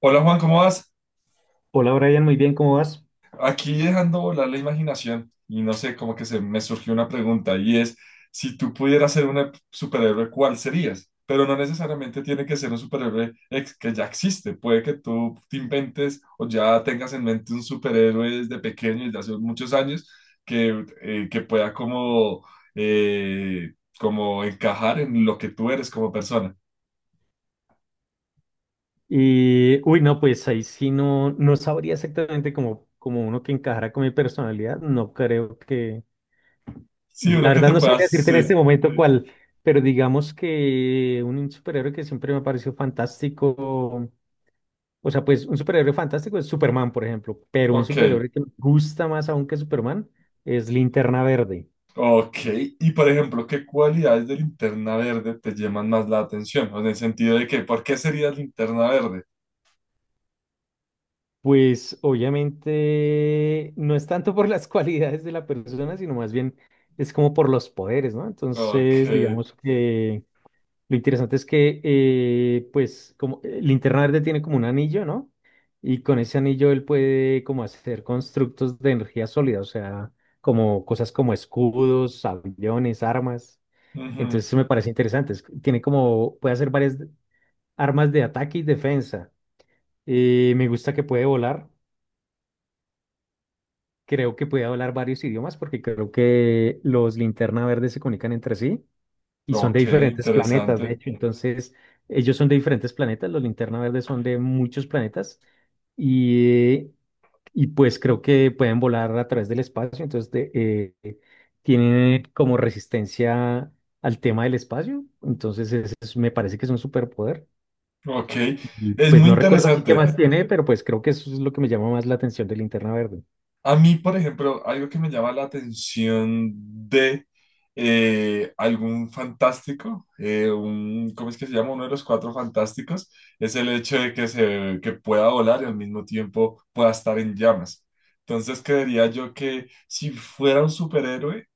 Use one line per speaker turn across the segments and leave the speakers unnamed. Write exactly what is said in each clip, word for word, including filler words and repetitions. Hola Juan, ¿cómo vas?
Hola Brian, muy bien, ¿cómo vas?
Aquí dejando volar la imaginación y no sé, como que se me surgió una pregunta y es, si tú pudieras ser un superhéroe, ¿cuál serías? Pero no necesariamente tiene que ser un superhéroe ex- que ya existe, puede que tú te inventes o ya tengas en mente un superhéroe desde pequeño, desde hace muchos años, que, eh, que pueda como, eh, como encajar en lo que tú eres como persona.
Y, uy, no, pues ahí sí no, no sabría exactamente como, como uno que encajara con mi personalidad, no creo que,
Sí,
la
uno que
verdad
te
no
pueda,
sabría decirte en este
sí,
momento cuál, pero digamos que un un superhéroe que siempre me ha parecido fantástico, o sea, pues un superhéroe fantástico es Superman, por ejemplo, pero un
ok.
superhéroe que me gusta más aún que Superman es Linterna Verde.
Ok, y por ejemplo, ¿qué cualidades de Linterna Verde te llaman más la atención? O en el sentido de que, ¿por qué sería Linterna Verde?
Pues obviamente no es tanto por las cualidades de la persona, sino más bien es como por los poderes, ¿no?
Ok,
Entonces, digamos que lo interesante es que, eh, pues, como eh, Linterna Verde tiene como un anillo, ¿no? Y con ese anillo él puede como hacer constructos de energía sólida, o sea, como cosas como escudos, aviones, armas.
ujú,
Entonces, eso me parece interesante. es- Tiene como, puede hacer varias armas de ataque y defensa. Eh, me gusta que puede volar. Creo que puede hablar varios idiomas porque creo que los linterna verde se comunican entre sí y son de
ok,
diferentes planetas, de
interesante.
hecho. Entonces, ellos son de diferentes planetas, los linterna verde son de muchos planetas y, y pues creo que pueden volar a través del espacio. Entonces, de- eh, eh, tienen como resistencia al tema del espacio. Entonces, ese es- me parece que es un superpoder.
Ok,
Y
es
pues
muy
no recuerdo así qué
interesante.
más tiene, pero pues creo que eso es lo que me llama más la atención del linterna verde.
A mí, por ejemplo, algo que me llama la atención de eh, algún fantástico, eh, un, ¿cómo es que se llama? Uno de los Cuatro Fantásticos, es el hecho de que, se, que pueda volar y al mismo tiempo pueda estar en llamas. Entonces, creería yo que si fuera un superhéroe,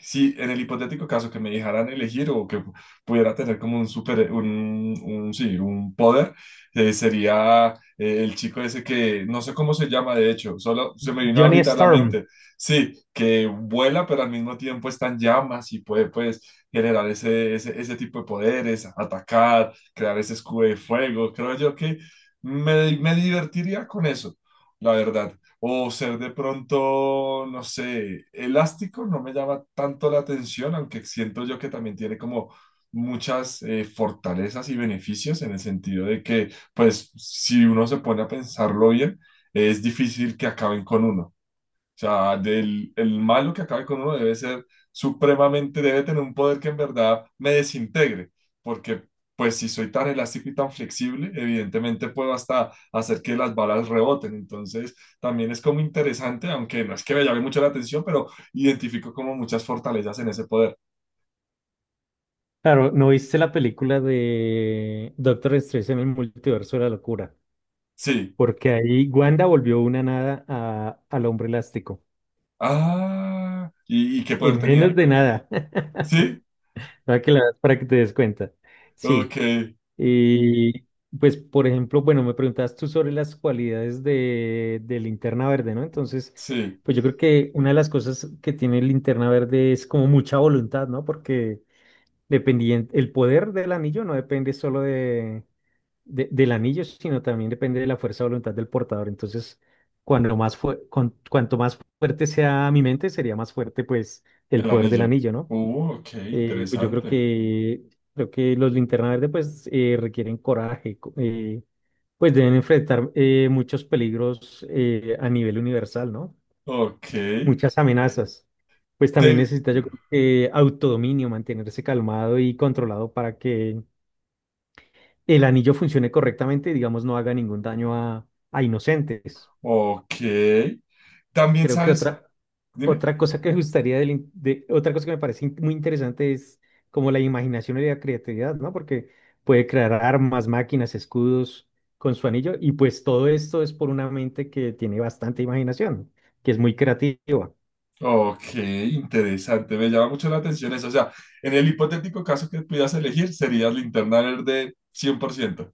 si en el hipotético caso que me dejaran elegir o que pudiera tener como un super, un, un, sí, un poder, eh, sería eh, el chico ese que no sé cómo se llama, de hecho, solo se me vino
Johnny
ahorita a la
Storm.
mente. Sí, que vuela, pero al mismo tiempo está en llamas y puede, pues, generar ese, ese, ese tipo de poderes, atacar, crear ese escudo de fuego. Creo yo que me, me divertiría con eso, la verdad. O ser de pronto, no sé, elástico no me llama tanto la atención, aunque siento yo que también tiene como muchas eh, fortalezas y beneficios en el sentido de que, pues, si uno se pone a pensarlo bien, es difícil que acaben con uno. O sea, del, el malo que acabe con uno debe ser supremamente, debe tener un poder que en verdad me desintegre, porque pues si soy tan elástico y tan flexible, evidentemente puedo hasta hacer que las balas reboten. Entonces, también es como interesante, aunque no es que me llame mucho la atención, pero identifico como muchas fortalezas en ese poder.
Claro, ¿no viste la película de Doctor Strange en el multiverso de la locura?
Sí.
Porque ahí Wanda volvió una nada a- al hombre elástico.
Ah, ¿y, y qué poder
En menos
tenía?
de nada.
Sí.
Para que, la- para que te des cuenta.
Ok,
Sí. Y pues, por ejemplo, bueno, me preguntabas tú sobre las cualidades de, de Linterna Verde, ¿no? Entonces,
sí.
pues yo creo que una de las cosas que tiene Linterna Verde es como mucha voluntad, ¿no? Porque dependiente, el poder del anillo no depende solo de de- del anillo, sino también depende de la fuerza de voluntad del portador. Entonces, cuando más fue, con- cuanto más fuerte sea mi mente, sería más fuerte pues el
El
poder del
anillo.
anillo, ¿no?
Uh, ok,
Eh, pues yo creo
interesante.
que creo que los linterna verde pues eh, requieren coraje, co- eh, pues deben enfrentar eh, muchos peligros eh, a nivel universal, ¿no?
Ok.
Muchas amenazas. Pues también
Te,
necesita yo creo que autodominio, mantenerse calmado y controlado para que el anillo funcione correctamente y, digamos, no haga ningún daño a, a inocentes.
Ok. También
Creo que
sabes,
otra,
dime.
otra cosa que me gustaría, del in- de, otra cosa que me parece in- muy interesante es como la imaginación y la creatividad, ¿no? Porque puede crear armas, máquinas, escudos con su anillo y pues todo esto es por una mente que tiene bastante imaginación, que es muy creativa.
Ok, interesante. Me llama mucho la atención eso. O sea, en el hipotético caso que pudieras elegir, serías Linterna Verde cien por ciento.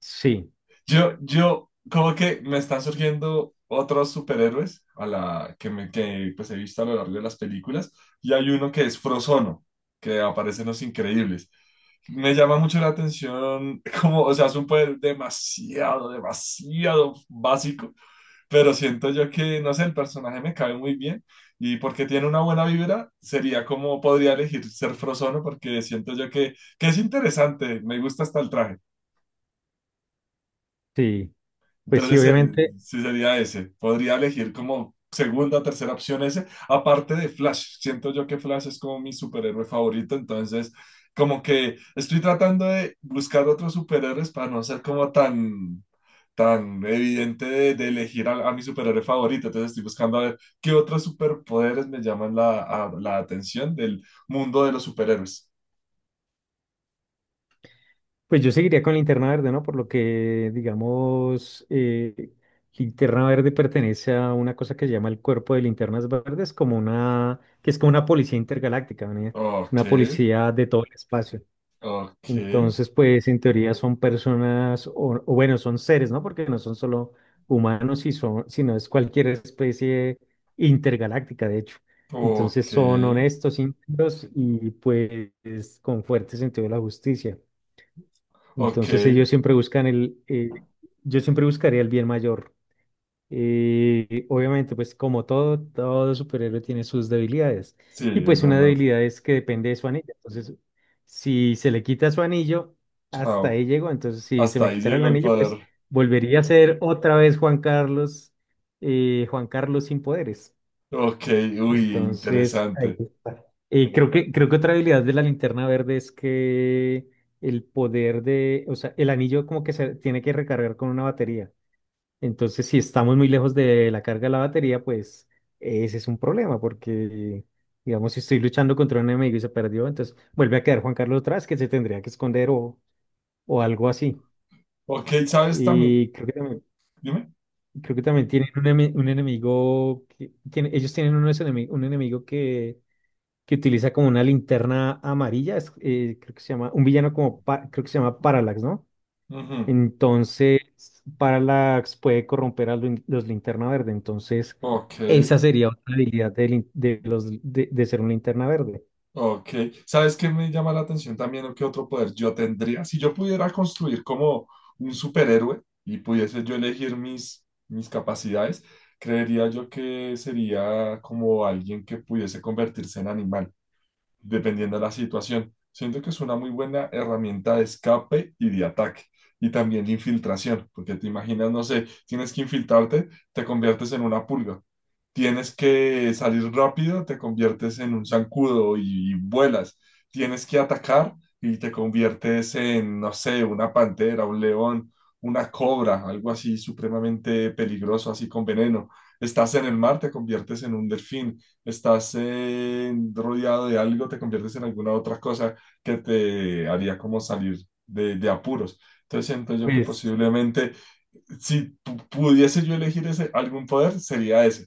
Sí,
Yo, yo, como que me están surgiendo otros superhéroes a la que, me, que pues he visto a lo largo de las películas. Y hay uno que es Frozono, que aparece en Los Increíbles. Me llama mucho la atención, como, o sea, es un poder demasiado, demasiado básico pero siento yo que, no sé, el personaje me cabe muy bien y porque tiene una buena vibra, sería como podría elegir ser Frozono porque siento yo que, que es interesante, me gusta hasta el traje.
sí. Pues sí,
Entonces, eh,
obviamente.
sí sería ese. Podría elegir como segunda, tercera opción ese. Aparte de Flash, siento yo que Flash es como mi superhéroe favorito, entonces como que estoy tratando de buscar otros superhéroes para no ser como tan, tan evidente de, de elegir a, a mi superhéroe favorito. Entonces estoy buscando a ver qué otros superpoderes me llaman la, a- la atención del mundo de los superhéroes.
Pues yo seguiría con Linterna Verde, ¿no? Por lo que, digamos, eh, Linterna Verde pertenece a una cosa que se llama el Cuerpo de Linternas Verdes, como una, que es como una policía intergaláctica, ¿no?
Ok,
Una policía de todo el espacio.
ok,
Entonces, pues en teoría son personas, o, o bueno, son seres, ¿no? Porque no son solo humanos, y son, sino es cualquier especie intergaláctica, de hecho. Entonces
ok,
son honestos, íntegros y pues con fuerte sentido de la justicia.
ok.
Entonces ellos siempre buscan el, eh, yo siempre buscaría el bien mayor. Eh, obviamente, pues como todo, todo superhéroe tiene sus debilidades.
Sí,
Y
es
pues una
verdad.
debilidad es que depende de su anillo. Entonces, si se le quita su anillo, hasta
Chao.
ahí llegó. Entonces, si se
Hasta
me
ahí
quitara el
llegó el
anillo,
poder.
pues volvería a ser otra vez Juan Carlos, eh, Juan Carlos sin poderes.
Ok, uy,
Entonces, ahí
interesante.
está. eh, creo que, creo que otra habilidad de la linterna verde es que el poder de, o sea, el anillo como que se tiene que recargar con una batería. Entonces, si estamos muy lejos de la carga de la batería, pues ese es un problema, porque digamos, si estoy luchando contra un enemigo y se perdió, entonces vuelve a quedar Juan Carlos atrás, que se tendría que esconder o, o algo así.
Ok, ¿sabes también?
Y creo que también,
Dime.
creo que también tienen un, eme- un enemigo, que, tiene- ellos tienen unos enemi- un enemigo que que utiliza como una linterna amarilla, es, eh, creo que se llama, un villano como, pa- creo que se llama Parallax, ¿no?
Ujú.
Entonces, Parallax puede corromper a lin- los linterna verde, entonces
Ok,
esa sería otra habilidad de, lin- de los, de, de ser un linterna verde.
ok. ¿Sabes qué me llama la atención también qué otro poder yo tendría? Si yo pudiera construir como un superhéroe y pudiese yo elegir mis, mis capacidades, creería yo que sería como alguien que pudiese convertirse en animal, dependiendo de la situación. Siento que es una muy buena herramienta de escape y de ataque. Y también de infiltración, porque te imaginas, no sé, tienes que infiltrarte, te conviertes en una pulga. Tienes que salir rápido, te conviertes en un zancudo y, y vuelas. Tienes que atacar y te conviertes en, no sé, una pantera, un león, una cobra, algo así supremamente peligroso, así con veneno. Estás en el mar, te conviertes en un delfín. Estás en- rodeado de algo, te conviertes en alguna otra cosa que te haría como salir de, de apuros. Entonces siento yo que
Pues,
posiblemente si pu- pudiese yo elegir ese, algún poder, sería ese.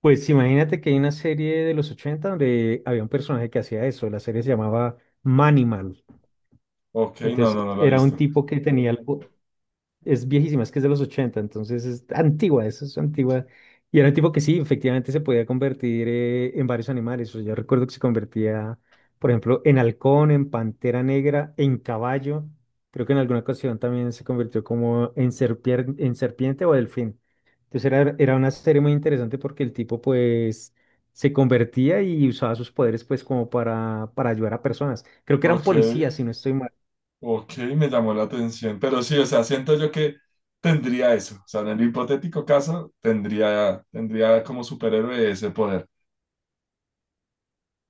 pues imagínate que hay una serie de los ochenta donde había un personaje que hacía eso, la serie se llamaba Manimal,
Ok, no,
entonces
no, no la he
era un
visto.
tipo que tenía el... po- es viejísima, es que es de los ochenta, entonces es antigua, eso es antigua. Y era un tipo que sí, efectivamente se podía convertir eh, en varios animales. O sea, yo recuerdo que se convertía, por ejemplo, en halcón, en pantera negra, en caballo. Creo que en alguna ocasión también se convirtió como en, serpier- en serpiente o delfín. Entonces era, era una serie muy interesante porque el tipo pues se convertía y usaba sus poderes pues como para, para ayudar a personas. Creo que eran
Ok,
policías, si no estoy mal.
ok, me llamó la atención. Pero sí, o sea, siento yo que tendría eso. O sea, en el hipotético caso, tendría, tendría, como superhéroe ese poder.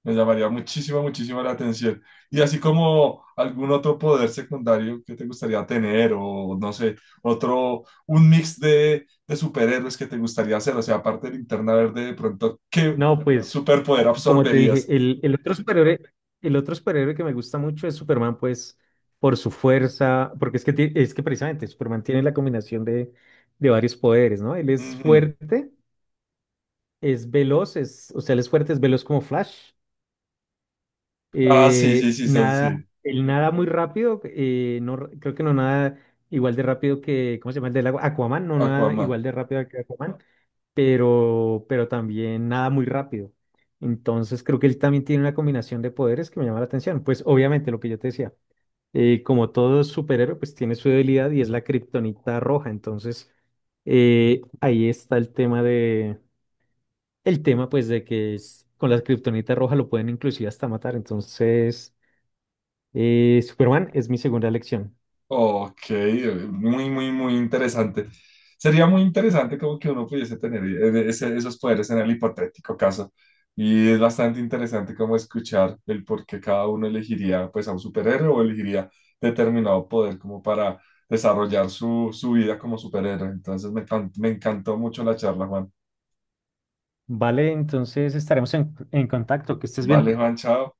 Me llamaría muchísimo, muchísimo la atención. Y así como algún otro poder secundario que te gustaría tener, o no sé, otro, un mix de, de superhéroes que te gustaría hacer. O sea, aparte del Linterna Verde, de pronto, ¿qué
No, pues,
superpoder
ah, como te dije,
absorberías?
el, el otro superhéroe, el otro superhéroe que me gusta mucho es Superman, pues, por su fuerza, porque es que, ti- es que precisamente Superman tiene la combinación de, de varios poderes, ¿no? Él es
Ujú.
fuerte, es veloz, es, o sea, él es fuerte, es veloz como Flash,
Ah, sí, sí,
eh,
sí, sí, sí,
nada,
sí.
él nada muy rápido, eh, no, r- creo que no nada igual de rápido que, ¿cómo se llama el del agua? Aquaman, no nada
Aquaman.
igual de rápido que Aquaman, pero, pero también nada muy rápido. Entonces creo que él también tiene una combinación de poderes que me llama la atención. Pues obviamente lo que yo te decía, eh, como todo superhéroe, pues tiene su debilidad y es la kriptonita roja. Entonces eh, ahí está el tema de, el tema pues de que es- con la kriptonita roja lo pueden inclusive hasta matar. Entonces eh, Superman es mi segunda elección.
Ok, muy, muy, muy interesante. Sería muy interesante como que uno pudiese tener eh, ese- esos poderes en el hipotético caso. Y es bastante interesante como escuchar el por qué cada uno elegiría pues a un superhéroe o elegiría determinado poder como para desarrollar su, su vida como superhéroe. Entonces me, can- me encantó mucho la charla, Juan.
Vale, entonces estaremos en, en contacto. Que estés
Vale,
bien.
Juan, chao.